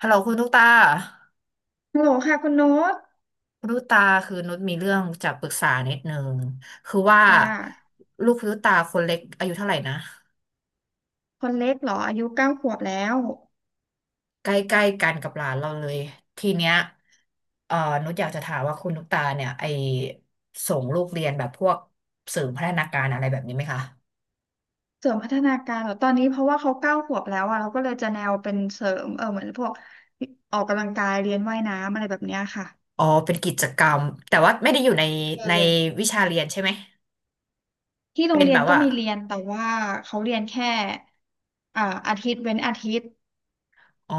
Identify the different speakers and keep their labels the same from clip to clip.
Speaker 1: ฮัลโหลคุณตุ๊กตา
Speaker 2: ฮัลโหลค่ะคุณโน้ต
Speaker 1: คุณตุ๊กตาคือนุชมีเรื่องจะปรึกษานิดนึงคือว่า
Speaker 2: ค่ะ
Speaker 1: ลูกคุณตุ๊กตาคนเล็กอายุเท่าไหร่นะ
Speaker 2: คนเล็กเหรออายุเก้าขวบแล้ว
Speaker 1: ใกล้ๆกันกับหลานเราเลยทีเนี้ยเอ่อนุชอยากจะถามว่าคุณตุ๊กตาเนี่ยไอส่งลูกเรียนแบบพวกสื่อพัฒนาการอะไรแบบนี้ไหมคะ
Speaker 2: เสริมพัฒนาการเหรอตอนนี้เพราะว่าเขาเก้าขวบแล้วอะเราก็เลยจะแนวเป็นเสริมเหมือนพวกออกกำลังกายเรียนว่ายน้ำอะไรแบบเนี้ยค่ะ
Speaker 1: อ๋อเป็นกิจกรรมแต่ว่าไม่ได้อยู่ใน
Speaker 2: เอ
Speaker 1: ใน
Speaker 2: อ
Speaker 1: วิชาเรียนใช่ไหม
Speaker 2: ที่โร
Speaker 1: เป็
Speaker 2: ง
Speaker 1: น
Speaker 2: เรีย
Speaker 1: แบ
Speaker 2: น
Speaker 1: บ
Speaker 2: ก็
Speaker 1: ว่า
Speaker 2: มีเรียนแต่ว่าเขาเรียนแค่อ่าอาทิตย์เว้นอาทิตย์
Speaker 1: อ๋อ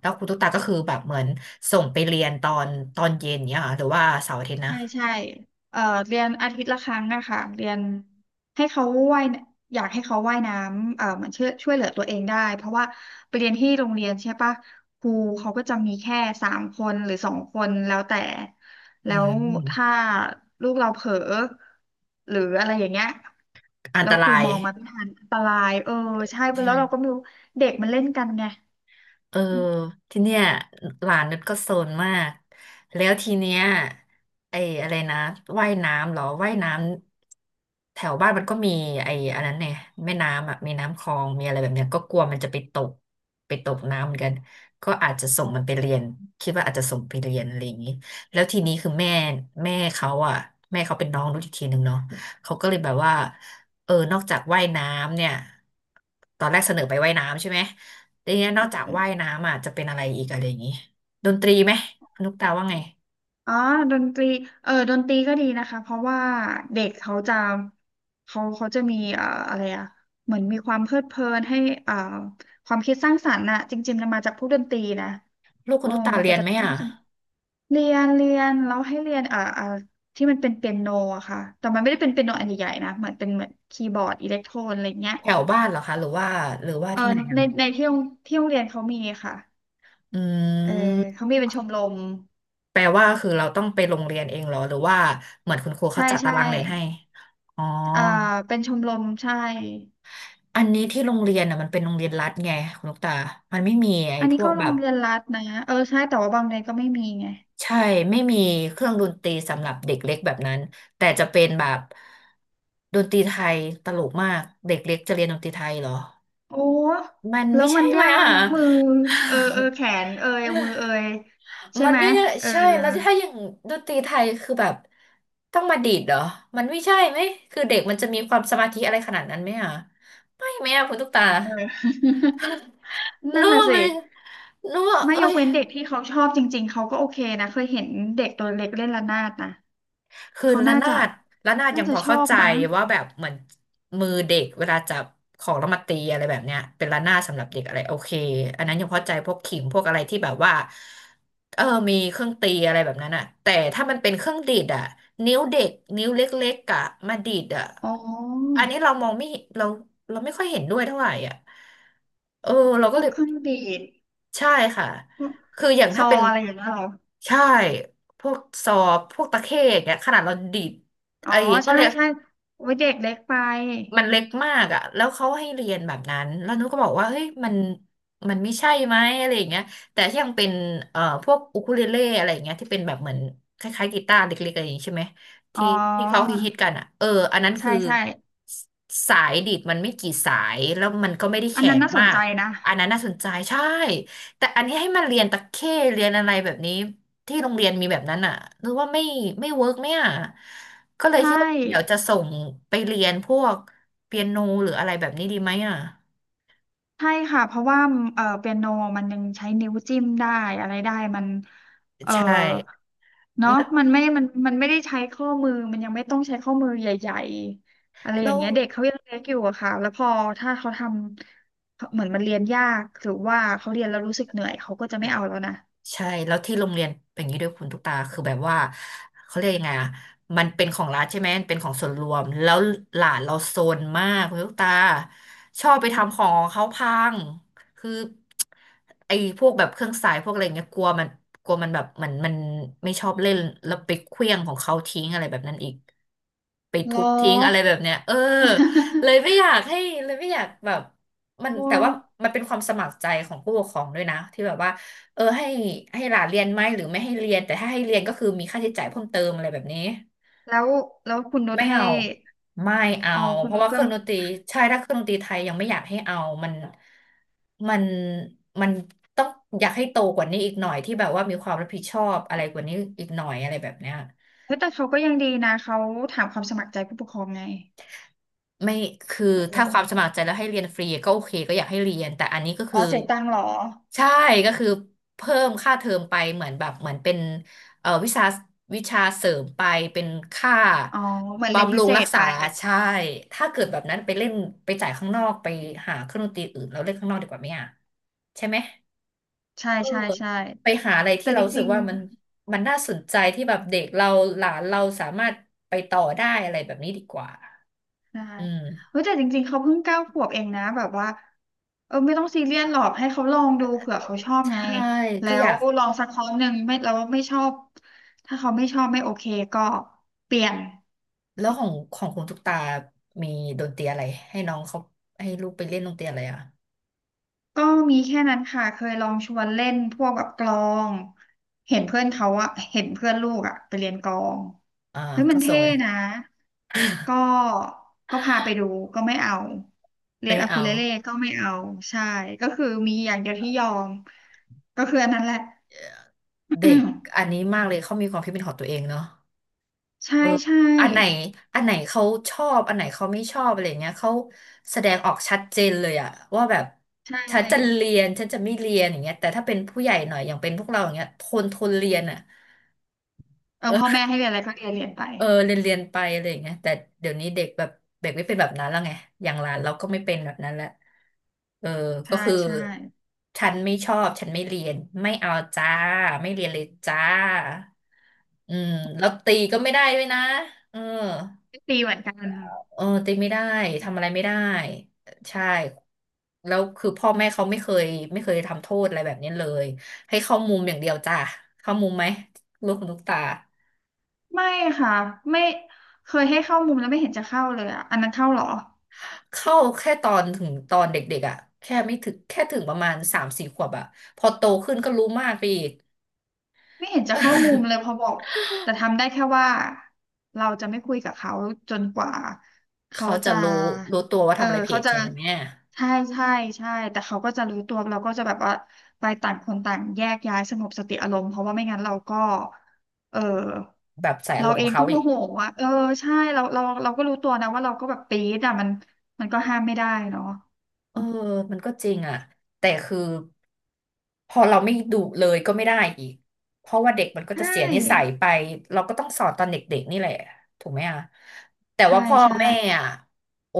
Speaker 1: แล้วคุณตุ๊กตาก็คือแบบเหมือนส่งไปเรียนตอนเย็นเนี้ยเหรอหรือว่าเสาร์อาทิตย์นะ
Speaker 2: ใช่ใช่เอ่อเรียนอาทิตย์ละครั้งอะค่ะเรียนให้เขาว่ายนอยากให้เขาว่ายน้ำเหมือนช่วยเหลือตัวเองได้เพราะว่าไปเรียนที่โรงเรียนใช่ปะครูเขาก็จะมีแค่3 คนหรือ2 คนแล้วแต่
Speaker 1: อื
Speaker 2: แล้วถ้า
Speaker 1: ม
Speaker 2: ลูกเราเผลอหรืออะไรอย่างเงี้ย
Speaker 1: อัน
Speaker 2: แล้
Speaker 1: ต
Speaker 2: วค
Speaker 1: รา
Speaker 2: รู
Speaker 1: ย
Speaker 2: มองมาไม่ทันอันตรายใช่แล้วเรา
Speaker 1: ใช่
Speaker 2: ก็ไม่รู้เด็กมันเล่นกันไง
Speaker 1: เออทีเนี้ยหลานนุชก็โซนมากแล้วทีเนี้ยไอ้อะไรนะว่ายน้ำเหรอว่ายน้ำแถวบ้านมันก็มีไอ้อันนั้นเนี่ยแม่น้ำอ่ะมีน้ำคลองมีอะไรแบบเนี้ยก็กลัวมันจะไปตกไปตกน้ำเหมือนกันก็อาจจะส่งมันไปเรียนคิดว่าอาจจะส่งไปเรียนอะไรอย่างนี้แล้วทีนี้คือแม่เขาอ่ะแม่เขาเป็นน้องนุชอีกทีหนึ่งเนาะเขาก็เลยแบบว่าเออนอกจากว่ายน้ำเนี่ยตอนแรกเสนอไปว่ายน้ำใช่ไหม แต่เนี้ยนอกจากว่ายน้ำอ่ะจะเป็นอะไรอีกอะไรอย่างงี้ดนตรีไหมคุณตุ๊กตาว่าไง
Speaker 2: อ๋อดนตรีดนตรีก็ดีนะคะเพราะว่าเด็กเขาจะเขาจะมีอะไรอะเหมือนมีความเพลิดเพลินให้เอ่อความคิดสร้างสรรค์น่ะจริงๆมันมาจากพวกดนตรีนะ
Speaker 1: ลูกคุ
Speaker 2: โอ้
Speaker 1: ณตุ๊กตา
Speaker 2: มัน
Speaker 1: เรี
Speaker 2: จะ
Speaker 1: ยน
Speaker 2: กระ
Speaker 1: ไหม
Speaker 2: ตุ้น
Speaker 1: อ่ะ
Speaker 2: พอสมเรียนแล้วให้เรียนที่มันเป็นเปียโนอะค่ะแต่มันไม่ได้เป็นเปียโนอันใหญ่ๆนะเหมือนเป็นเหมือนคีย์บอร์ดอิเล็กโทรนอะไรเงี้ย
Speaker 1: แถวบ้านเหรอคะหรือว่าหรือว่า
Speaker 2: เออ
Speaker 1: ที่ไหนอ่ะ
Speaker 2: ในที่โรงเรียนเขามีค่ะ
Speaker 1: อื
Speaker 2: เออ
Speaker 1: ม
Speaker 2: เขามีเป็นชมรม
Speaker 1: แปลว่าคือเราต้องไปโรงเรียนเองเหรอหรือว่าเหมือนคุณครูเขา
Speaker 2: ใช่
Speaker 1: จัดตา
Speaker 2: ใช่
Speaker 1: รางเรียนให้อ๋อ
Speaker 2: อ่าเป็นชมรมใช่
Speaker 1: อันนี้ที่โรงเรียนอ่ะมันเป็นโรงเรียนรัฐไงคุณลูกตามันไม่มีไอ้
Speaker 2: อัน
Speaker 1: พ
Speaker 2: นี้
Speaker 1: ว
Speaker 2: ก็
Speaker 1: ก
Speaker 2: โร
Speaker 1: แบ
Speaker 2: ง
Speaker 1: บ
Speaker 2: เรียนรัฐนะใช่แต่ว่าบางเรียนก็ไม่มีไง
Speaker 1: ใช่ไม่มีเครื่องดนตรีสำหรับเด็กเล็กแบบนั้นแต่จะเป็นแบบดนตรีไทยตลกมากเด็กเล็กจะเรียนดนตรีไทยเหรอ
Speaker 2: โอ้
Speaker 1: มัน
Speaker 2: แล้
Speaker 1: ไม่
Speaker 2: วมั
Speaker 1: ใช่
Speaker 2: น
Speaker 1: ไหม
Speaker 2: ยาก
Speaker 1: อ่ะ
Speaker 2: นะมือแขนเอยมือเอยใช่
Speaker 1: มัน
Speaker 2: ไหม
Speaker 1: ไม่ได้
Speaker 2: เออ
Speaker 1: ใช่ แล้วถ้าอย่างดนตรีไทยคือแบบต้องมาดีดเหรอ มันไม่ใช่ไหม คือเด็กมันจะมีความสมาธิอะไรขนาดนั้นไหมอ่ะ ไม่ไหมอ่ะคุณตุ๊กตา
Speaker 2: เออ นั่
Speaker 1: โน้
Speaker 2: นน่ะสิ
Speaker 1: มันโน้
Speaker 2: ไม่
Speaker 1: เอ้
Speaker 2: ยก
Speaker 1: ย
Speaker 2: เว้นเด็กที่เขาชอบจริงๆเขาก็โอเคนะเคยเห็นเด็กตัวเล็กเล่นระนาดนะ
Speaker 1: คือ
Speaker 2: เขา
Speaker 1: ระ
Speaker 2: น่า
Speaker 1: นา
Speaker 2: จะ
Speaker 1: ดระนาดยังพอ
Speaker 2: ชอ
Speaker 1: เข้า
Speaker 2: บ
Speaker 1: ใจ
Speaker 2: มั้ง
Speaker 1: ว่าแบบเหมือนมือเด็กเวลาจับของแล้วมาตีอะไรแบบเนี้ยเป็นระนาดสำหรับเด็กอะไรโอเคอันนั้นยังเข้าใจพวกขิมพวกอะไรที่แบบว่าเออมีเครื่องตีอะไรแบบนั้นอะแต่ถ้ามันเป็นเครื่องดีดอะนิ้วเด็กนิ้วเล็กๆอะมาดีดอะ
Speaker 2: อ๋อ
Speaker 1: อันนี้เรามองไม่เห็นเราไม่ค่อยเห็นด้วยเท่าไหร่อะเออเรา
Speaker 2: พ
Speaker 1: ก็
Speaker 2: ว
Speaker 1: เล
Speaker 2: ก
Speaker 1: ย
Speaker 2: เครื่องดีด
Speaker 1: ใช่ค่ะ
Speaker 2: พวก
Speaker 1: คืออย่าง
Speaker 2: ซ
Speaker 1: ถ้า
Speaker 2: อ
Speaker 1: เป็น
Speaker 2: อะไรอย่างเงี้ยเหรอ
Speaker 1: ใช่พวกซอพวกตะเข้อย่างเงี้ยขนาดเราดีด
Speaker 2: อ๋อ
Speaker 1: ไอ้ก็เขา
Speaker 2: ใช่
Speaker 1: เรียก
Speaker 2: ใช่โอ้ยเด็กเล็กไป
Speaker 1: มันเล็กมากอ่ะแล้วเขาให้เรียนแบบนั้นแล้วนุ้ก็บอกว่าเฮ้ยมันมันไม่ใช่ไหมอะไรอย่างเงี้ยแต่ที่ยังเป็นพวกอูคูเลเล่อะไรอย่างเงี้ยที่เป็นแบบเหมือนคล้ายๆกีตาร์เล็กๆอะไรอย่างงี้ใช่ไหม
Speaker 2: อ๋อ
Speaker 1: ที่ที่เขาฮิตๆกันอ่ะเอออันนั้น
Speaker 2: ใช่
Speaker 1: คือ
Speaker 2: ใช่
Speaker 1: สสายดีดมันไม่กี่สาย แล้วมันก็ไม่ได้
Speaker 2: อัน
Speaker 1: แข็
Speaker 2: นั้น
Speaker 1: ง
Speaker 2: น่าส
Speaker 1: มา
Speaker 2: นใจ
Speaker 1: ก
Speaker 2: นะ
Speaker 1: อันนั้นน่าสนใจใช่แต่อันนี้ให้มันเรียนตะเข้เรียนอะไรแบบนี้ที่โรงเรียนมีแบบนั้นอ่ะนึกว่าไม่ไม่เวิร์กไหมอ่ะก็เล
Speaker 2: ใช
Speaker 1: ยคิดว่าเดี๋ยวจะ
Speaker 2: ่
Speaker 1: ส่งไปเรียนพวก เปียโนหรืออะไรแบบนี้ดีไหมอ่ะ
Speaker 2: ใช่ค่ะเพราะว่าเปียโนมันยังใช้นิ้วจิ้มได้อะไรได้มันเออ
Speaker 1: ใช่
Speaker 2: เนาะ
Speaker 1: แ
Speaker 2: มันไม่ได้ใช้ข้อมือมันยังไม่ต้องใช้ข้อมือใหญ่ๆอะไรอ
Speaker 1: ล้
Speaker 2: ย่าง
Speaker 1: ว
Speaker 2: เงี้ยเด็กเขายังเล็กอยู่อะค่ะแล้วพอถ้าเขาทำเหมือนมันเรียนยากหรือว่าเขาเรียนแล้วรู้สึกเหนื่อยเขาก็จะไม่เอาแล้วนะ
Speaker 1: ใช่แล้วที่โรงเรียนเป็นอย่างนี้ด้วยคุณตุ๊กตาคือแบบว่าเขาเรียกยังไงอ่ะมันเป็นของรัฐใช่ไหมมันเป็นของส่วนรวมแล้วหลานเราโซนมากคุณตุ๊กตาชอบไปทำของของเขาพังคือไอ้พวกแบบเครื่องสายพวกอะไรเงี้ยกลัวมันแบบเหมือนมันไม่ชอบเล่นแล้วไปเคลี้ยงของเขาทิ้งอะไรแบบนั้นอีกไป
Speaker 2: เหร
Speaker 1: ทุ
Speaker 2: อ
Speaker 1: บทิ้งอะไรแบบเนี้ยเออเลยไม่อ ยากให้เลยไม่อยากแบบมัน
Speaker 2: โอ้
Speaker 1: แต่ว่ามันเป็นความสมัครใจของผู้ปกครองด้วยนะที่แบบว่า เออให้ให้หลานเรียนไหมหรือไม่ให้เรียนแต่ถ้าให้เรียนก็คือมีค่าใช้จ่ายเพิ่มเติมอะไรแบบนี้
Speaker 2: แล้วแล้วคุณนุช
Speaker 1: ไม่
Speaker 2: ให้
Speaker 1: เอาไม่เอา
Speaker 2: อ๋อคุ
Speaker 1: เพ
Speaker 2: ณนุ
Speaker 1: ราะ
Speaker 2: ช
Speaker 1: ว่าเค
Speaker 2: ก็
Speaker 1: รื่องดนตรีใช่ถ้าเครื่องดนตรีไทยยังไม่อยากให้เอามันมันมันต้องอยากให้โตกว่านี้อีกหน่อยที่แบบว่ามีความรับผิดชอบอะไรกว่านี้อีกหน่อยอะไรแบบเนี้ย
Speaker 2: เฮ้ยแต่เขาก็ยังดีนะเขาถามความสมัครใจผู้ปกครองไง
Speaker 1: ไม่คือ
Speaker 2: เอ
Speaker 1: ถ้าความสมั
Speaker 2: อ
Speaker 1: ครใจแล้วให้เรียนฟรีก็โอเคก็อยากให้เรียนแต่อันนี้ก็
Speaker 2: อ๋
Speaker 1: คื
Speaker 2: อ
Speaker 1: อ
Speaker 2: เสียตังค์เหรอ
Speaker 1: ใช่ก็คือเพิ่มค่าเทอมไปเหมือนแบบเหมือนเป็นวิชาวิชาเสริมไปเป็นค่า
Speaker 2: อ๋อเหมือนเรียน
Speaker 1: บำ
Speaker 2: พิ
Speaker 1: รุง
Speaker 2: เศ
Speaker 1: รัก
Speaker 2: ษไป
Speaker 1: ษาใช่ถ้าเกิดแบบนั้นไปเล่นไปจ่ายข้างนอกไปหาเครื่องดนตรีอื่นแล้วเล่นข้างนอกดีกว่าไหมอ่ะใช่ไหม
Speaker 2: ใช่
Speaker 1: เออ
Speaker 2: ใช่ใช่
Speaker 1: ไปหาอะไร
Speaker 2: แต่
Speaker 1: ที่เรา
Speaker 2: จ
Speaker 1: รู้สึ
Speaker 2: ริ
Speaker 1: ก
Speaker 2: ง
Speaker 1: ว่ามันน่าสนใจที่แบบเด็กเราหลานเราสามารถไปต่อได้อะไรแบบนี้ดีกว่า
Speaker 2: ๆได้
Speaker 1: อืม
Speaker 2: เฮ้ยแต่จริงๆเขาเพิ่งเก้าขวบเองนะแบบว่าไม่ต้องซีเรียสหรอกให้เขาลองดูเผื่อเขาชอบ
Speaker 1: ใช่
Speaker 2: ไงแล้
Speaker 1: ก็อ
Speaker 2: ว
Speaker 1: ยาก
Speaker 2: ลองสักครั้งหนึ่งไม่แล้วไม่ชอบถ้าเขาไม่ชอบไม่โอเคก็เปลี่ยน
Speaker 1: แล้วของคุณตุ๊กตามีดนตรีอะไรให้น้องเขาให้ลูกไปเล่นดนตรีอะไรอ่ะ
Speaker 2: ก็มีแค่นั้นค่ะเคยลองชวนเล่นพวกแบบกลองเห็นเพื่อนเขาอะเห็นเพื่อนลูกอะไปเรียนกลอง
Speaker 1: อ่า
Speaker 2: เฮ้ยมั
Speaker 1: ก็
Speaker 2: น
Speaker 1: ส่ง
Speaker 2: เท่
Speaker 1: เลย
Speaker 2: นะก็ก็พาไปดูก็ไม่เอาเรีย
Speaker 1: ไม่
Speaker 2: นอะคู
Speaker 1: เอา
Speaker 2: เลเล่ก็ไม่เอาใช่ก็คือมีอย่างเดียวที่ยอมก็คืออันนั้นแหละ
Speaker 1: เด็กอันนี้มากเลยเขามีความคิดเป็นของตัวเองเนาะ
Speaker 2: ใช่
Speaker 1: เออ
Speaker 2: ใช่
Speaker 1: อันไหนอันไหนเขาชอบอันไหนเขาไม่ชอบอะไรเงี้ยเขาแสดงออกชัดเจนเลยอะว่าแบบ
Speaker 2: ใช
Speaker 1: ฉันจะ
Speaker 2: ่
Speaker 1: เรียนฉันจะไม่เรียนอย่างเงี้ยแต่ถ้าเป็นผู้ใหญ่หน่อยอย่างเป็นพวกเราอย่างเงี้ยทนเรียนอะ
Speaker 2: พ่อแม่ให้เรียนอะไรก็เรียนไป
Speaker 1: เออเรียนไปอะไรอย่างเงี้ยแต่เดี๋ยวนี้เด็กแบบเด็กไม่เป็นแบบนั้นแล้วไงอย่างหลานเราก็ไม่เป็นแบบนั้นแล้วเออก็
Speaker 2: ใช่
Speaker 1: คือ
Speaker 2: ใช่
Speaker 1: ฉันไม่ชอบฉันไม่เรียนไม่เอาจ้าไม่เรียนเลยจ้าอืมแล้วตีก็ไม่ได้ด้วยนะเออ
Speaker 2: ตีเหมือนกัน
Speaker 1: เออตีไม่ได้ทำอะไรไม่ได้ใช่แล้วคือพ่อแม่เขาไม่เคยทำโทษอะไรแบบนี้เลยให้เข้ามุมอย่างเดียวจ้าเข้ามุมไหมลูกคุณลูกตา
Speaker 2: ไม่ค่ะไม่เคยให้เข้ามุมแล้วไม่เห็นจะเข้าเลยอ่ะอันนั้นเข้าเหรอ
Speaker 1: เข้าแค่ตอนถึงตอนเด็กๆอ่ะแค่ไม่ถึงแค่ถึงประมาณสามสี่ขวบอ่ะพอโตขึ้นก็รู้มากไปอีก
Speaker 2: ไม่เห็นจะเข้ามุมเลยพอ บอกแต่ทำได้แค่ว่าเราจะไม่คุยกับเขาจนกว่าเขา
Speaker 1: เขาจะ
Speaker 2: จะ
Speaker 1: รู้รู้ตัวว่า
Speaker 2: เออ
Speaker 1: ทำอะไรผิ
Speaker 2: เขา
Speaker 1: ด
Speaker 2: จะ
Speaker 1: ใช่ไหม
Speaker 2: ใช่ใช่ใช่แต่เขาก็จะรู้ตัวเราก็จะแบบว่าไปต่างคนต่างแยกย้ายสงบสติอารมณ์เพราะว่าไม่งั้นเราก็เออ
Speaker 1: แบบใส่อา
Speaker 2: เรา
Speaker 1: รมณ์
Speaker 2: เอ
Speaker 1: กับ
Speaker 2: ง
Speaker 1: เขา
Speaker 2: ก็โม
Speaker 1: อีก
Speaker 2: โหอ่ะใช่เราก็รู้ตัวนะว่าเราก็แบบปี๊ดอ่ะมันมันก็ห้ามไม่ได้เนาะ
Speaker 1: เออมันก็จริงอ่ะแต่คือพอเราไม่ดุเลยก็ไม่ได้อีก เพราะว่าเด็กมันก็
Speaker 2: ใช
Speaker 1: จะเสียนิสัย
Speaker 2: ่
Speaker 1: ไป เราก็ต้องสอนตอนเด็กๆนี่แหละ ถูกไหมอ่ะแต่
Speaker 2: ใช่
Speaker 1: ว่าพ่อ
Speaker 2: ใช่
Speaker 1: แม่อ่ะโอ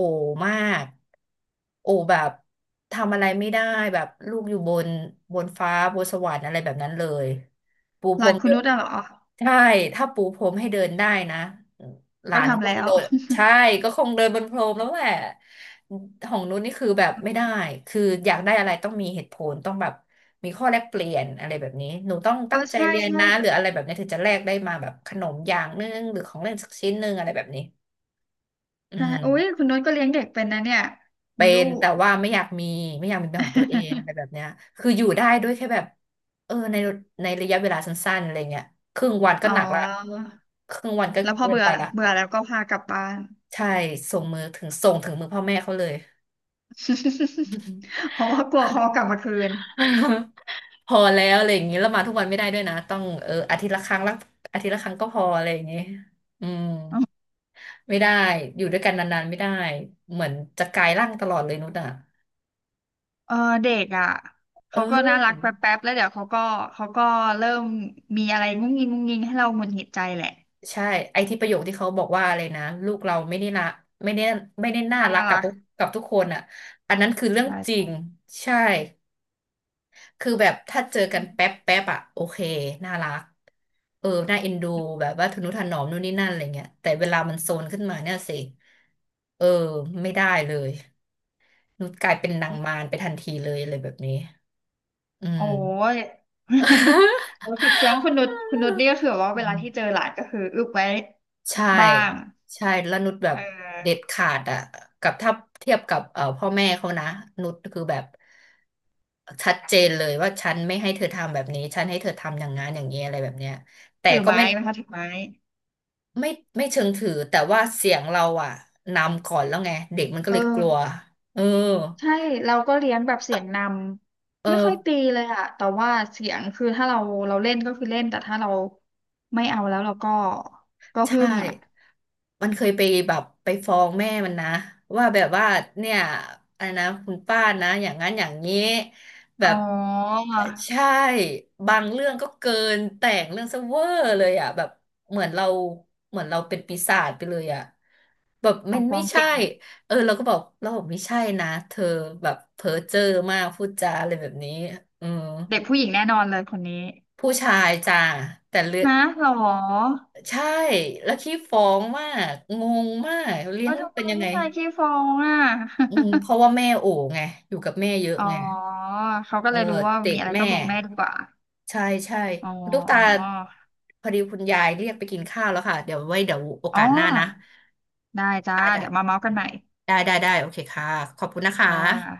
Speaker 1: มากโอแบบทำอะไรไม่ได้แบบลูกอยู่บนบนฟ้าบนสวรรค์อะไรแบบนั้นเลยปู
Speaker 2: ห
Speaker 1: พร
Speaker 2: ลาน
Speaker 1: ม
Speaker 2: คุ
Speaker 1: เดิ
Speaker 2: ณนุ
Speaker 1: น
Speaker 2: ชอะเหรอ
Speaker 1: ใช่ถ้าปูพรมให้เดินได้นะ หลา
Speaker 2: ก็
Speaker 1: น
Speaker 2: ทำ
Speaker 1: ก็ค
Speaker 2: แล้
Speaker 1: ง
Speaker 2: ว
Speaker 1: โดน ใช่ก็คงเดินบนพรมแล้วแหละของนุ้นนี่คือแบบไม่ได้คืออยากได้อะไรต้องมีเหตุผลต้องแบบมีข้อแลกเปลี่ยนอะไรแบบนี้หนูต้องตั้งใจ
Speaker 2: ใช่
Speaker 1: เรียน
Speaker 2: ใช่
Speaker 1: นะห
Speaker 2: แต่
Speaker 1: รืออะไรแบบนี้ถึงจะแลกได้มาแบบขนมอย่างนึงหรือของเล่นสักชิ้นนึงอะไรแบบนี้อื
Speaker 2: ใช่โอ้ย
Speaker 1: ม
Speaker 2: คุณนุชก็เลี้ยงเด็กเป็นนะเนี่ย
Speaker 1: เป็
Speaker 2: มีลู
Speaker 1: น
Speaker 2: ก
Speaker 1: แต่ว่าไม่อยากมีไม่อยากมีเป็นของตัวเองอะไรแบบ เนี้ยคืออยู่ได้ด้วยแค่แบบเออในในระยะเวลาสั้นๆอะไรเงี้ยครึ่งวันก็
Speaker 2: อ๋อ
Speaker 1: หนักละครึ่งวันก็
Speaker 2: แล้วพอ
Speaker 1: เกิน
Speaker 2: เบื่อ
Speaker 1: ไปละ
Speaker 2: เบื่อแล้วก็พากลับบ้าน
Speaker 1: ใช่ส่งมือถึงส่งถึงมือพ่อแม่เขาเลย
Speaker 2: เพราะว่ากลัวเขากลับมาคืน
Speaker 1: พอแล้วอะไรอย่างนี้แล้วมาทุกวันไม่ได้ด้วยนะต้องเอออาทิตย์ละครั้งละอาทิตย์ละครั้งก็พออะไรอย่างนี้อืมไม่ได้อยู่ด้วยกันนานๆไม่ได้เหมือนจะกลายร่างตลอดเลยนุชอ่ะ
Speaker 2: เออเด็กอ่ะ
Speaker 1: เอ
Speaker 2: เขาก็น่ารัก
Speaker 1: อ
Speaker 2: แป๊บๆแล้วเดี๋ยวเขาก็เขาก็เริ่มมีอะไรงุ้งงิงงุ้งงิงให้เราหงุดหงิดใจแหละ
Speaker 1: ใช่ไอที่ประโยคที่เขาบอกว่าอะไรนะลูกเราไม่ได้นะไม่ได้ไม่ได้น่า
Speaker 2: น่า
Speaker 1: รักกับ
Speaker 2: รัก
Speaker 1: กับทุกคนอ่ะอันนั้นคือเรื่อง
Speaker 2: ใช่
Speaker 1: จริง
Speaker 2: ใช่
Speaker 1: ใช่ คือแบบถ้าเจอกันแป๊บแป๊บอะโอเคน่ารักเออน่าเอ็นดูแบบว่าทนุถนอมนู่นนี่นั่นอะไรเงี้ยแต่เวลามันโซนขึ้นมาเนี่ยสิเออไม่ได้เลยนุชกลายเป็นนางมารไปทันทีเลยอะไรแบบนี้อื
Speaker 2: โอ้
Speaker 1: ม
Speaker 2: ย แล้วคุณแสดงว่าคุณนุชคุณนุชนี่ ก็คือแบบว่า
Speaker 1: อื
Speaker 2: เวลาที่เจ
Speaker 1: ม
Speaker 2: อหลานก็คืออึบไว้
Speaker 1: ใช่
Speaker 2: บ้าง
Speaker 1: ใช่แล้วนุชแบ
Speaker 2: เ
Speaker 1: บเด็ด
Speaker 2: ออ
Speaker 1: ขาดอะกับถ้าเทียบกับพ่อแม่เขานะนุชคือแบบชัดเจนเลยว่าฉันไม่ให้เธอทำแบบนี้ฉันให้เธอทำอย่างนั้นอย่างนี้อะไรแบบเนี้ยแต่
Speaker 2: ถือ
Speaker 1: ก็
Speaker 2: ไม้
Speaker 1: ไม่
Speaker 2: นะคะถือไม้
Speaker 1: ไม่ไม่เชิงถือแต่ว่าเสียงเราอ่ะนำก่อนแล้วไงเด็กมันก็
Speaker 2: เออ
Speaker 1: เลยกลัวเออ
Speaker 2: ใช่เราก็เลี้ยงแบบเสียงน
Speaker 1: เอ
Speaker 2: ำไม่
Speaker 1: อ
Speaker 2: ค่อยตีเลยอะแต่ว่าเสียงคือถ้าเราเล่นก็คือเล่นแต่ถ้าเราไม่เอาแล้วเราก็ก็หึ่
Speaker 1: ใช่
Speaker 2: มอะ
Speaker 1: มันเคยไปแบบไปฟ้องแม่มันนะว่าแบบว่าเนี่ยอะไรนะคุณป้านะอย่างนั้นอย่างนี้แบ
Speaker 2: อ๋อ
Speaker 1: บเอ่อใช่บางเรื่องก็เกินแต่งเรื่องซะเวอร์เลยอ่ะแบบเหมือนเราเหมือนเราเป็นปีศาจไปเลยอ่ะแบบ
Speaker 2: อ
Speaker 1: มั
Speaker 2: อ
Speaker 1: น
Speaker 2: กร้
Speaker 1: ไม่
Speaker 2: อง
Speaker 1: ใช่
Speaker 2: เก่ง
Speaker 1: เออเราก็บอกเราบอกไม่ใช่นะเธอแบบเพ้อเจ้อมากพูดจาอะไรแบบนี้อืม
Speaker 2: เด็กผู้หญิงแน่นอนเลยคนนี้
Speaker 1: ผู้ชายจ้าแต่เรื่อง
Speaker 2: นะหรอ
Speaker 1: ใช่ แล้วขี้ฟ้องมาก งงมาก เลี้ย
Speaker 2: เอ้
Speaker 1: ง
Speaker 2: ย
Speaker 1: ลูก
Speaker 2: ทำไม
Speaker 1: เป็นยังไง
Speaker 2: ผู้ชายขี้ฟ้องอ่ะ
Speaker 1: อืม เพราะว่าแม่โอ๋ไง อยู่กับแม่เยอะ
Speaker 2: อ๋อ
Speaker 1: ไง
Speaker 2: เขาก็
Speaker 1: เออ
Speaker 2: เลยรู้ว่า
Speaker 1: ติ
Speaker 2: มี
Speaker 1: ด
Speaker 2: อะไร
Speaker 1: แม่
Speaker 2: ก็บอกแม่ดีกว่า
Speaker 1: ใช่ใช่
Speaker 2: อ๋อ
Speaker 1: คุณตุ๊กตา พอดีคุณยายเรียกไปกินข้าวแล้วค่ะ เดี๋ยวไว้เดี๋ยวโอ
Speaker 2: อ๋อ
Speaker 1: กาสหน้า
Speaker 2: อ๋
Speaker 1: นะ
Speaker 2: อได้จ้า
Speaker 1: ได้ ได้
Speaker 2: เดี๋ยวมา
Speaker 1: โอ
Speaker 2: เมาส์
Speaker 1: เค
Speaker 2: กันใหม่
Speaker 1: ได้ได้ได้ โอเคค่ะ ขอบคุณนะคะ
Speaker 2: ค่ะ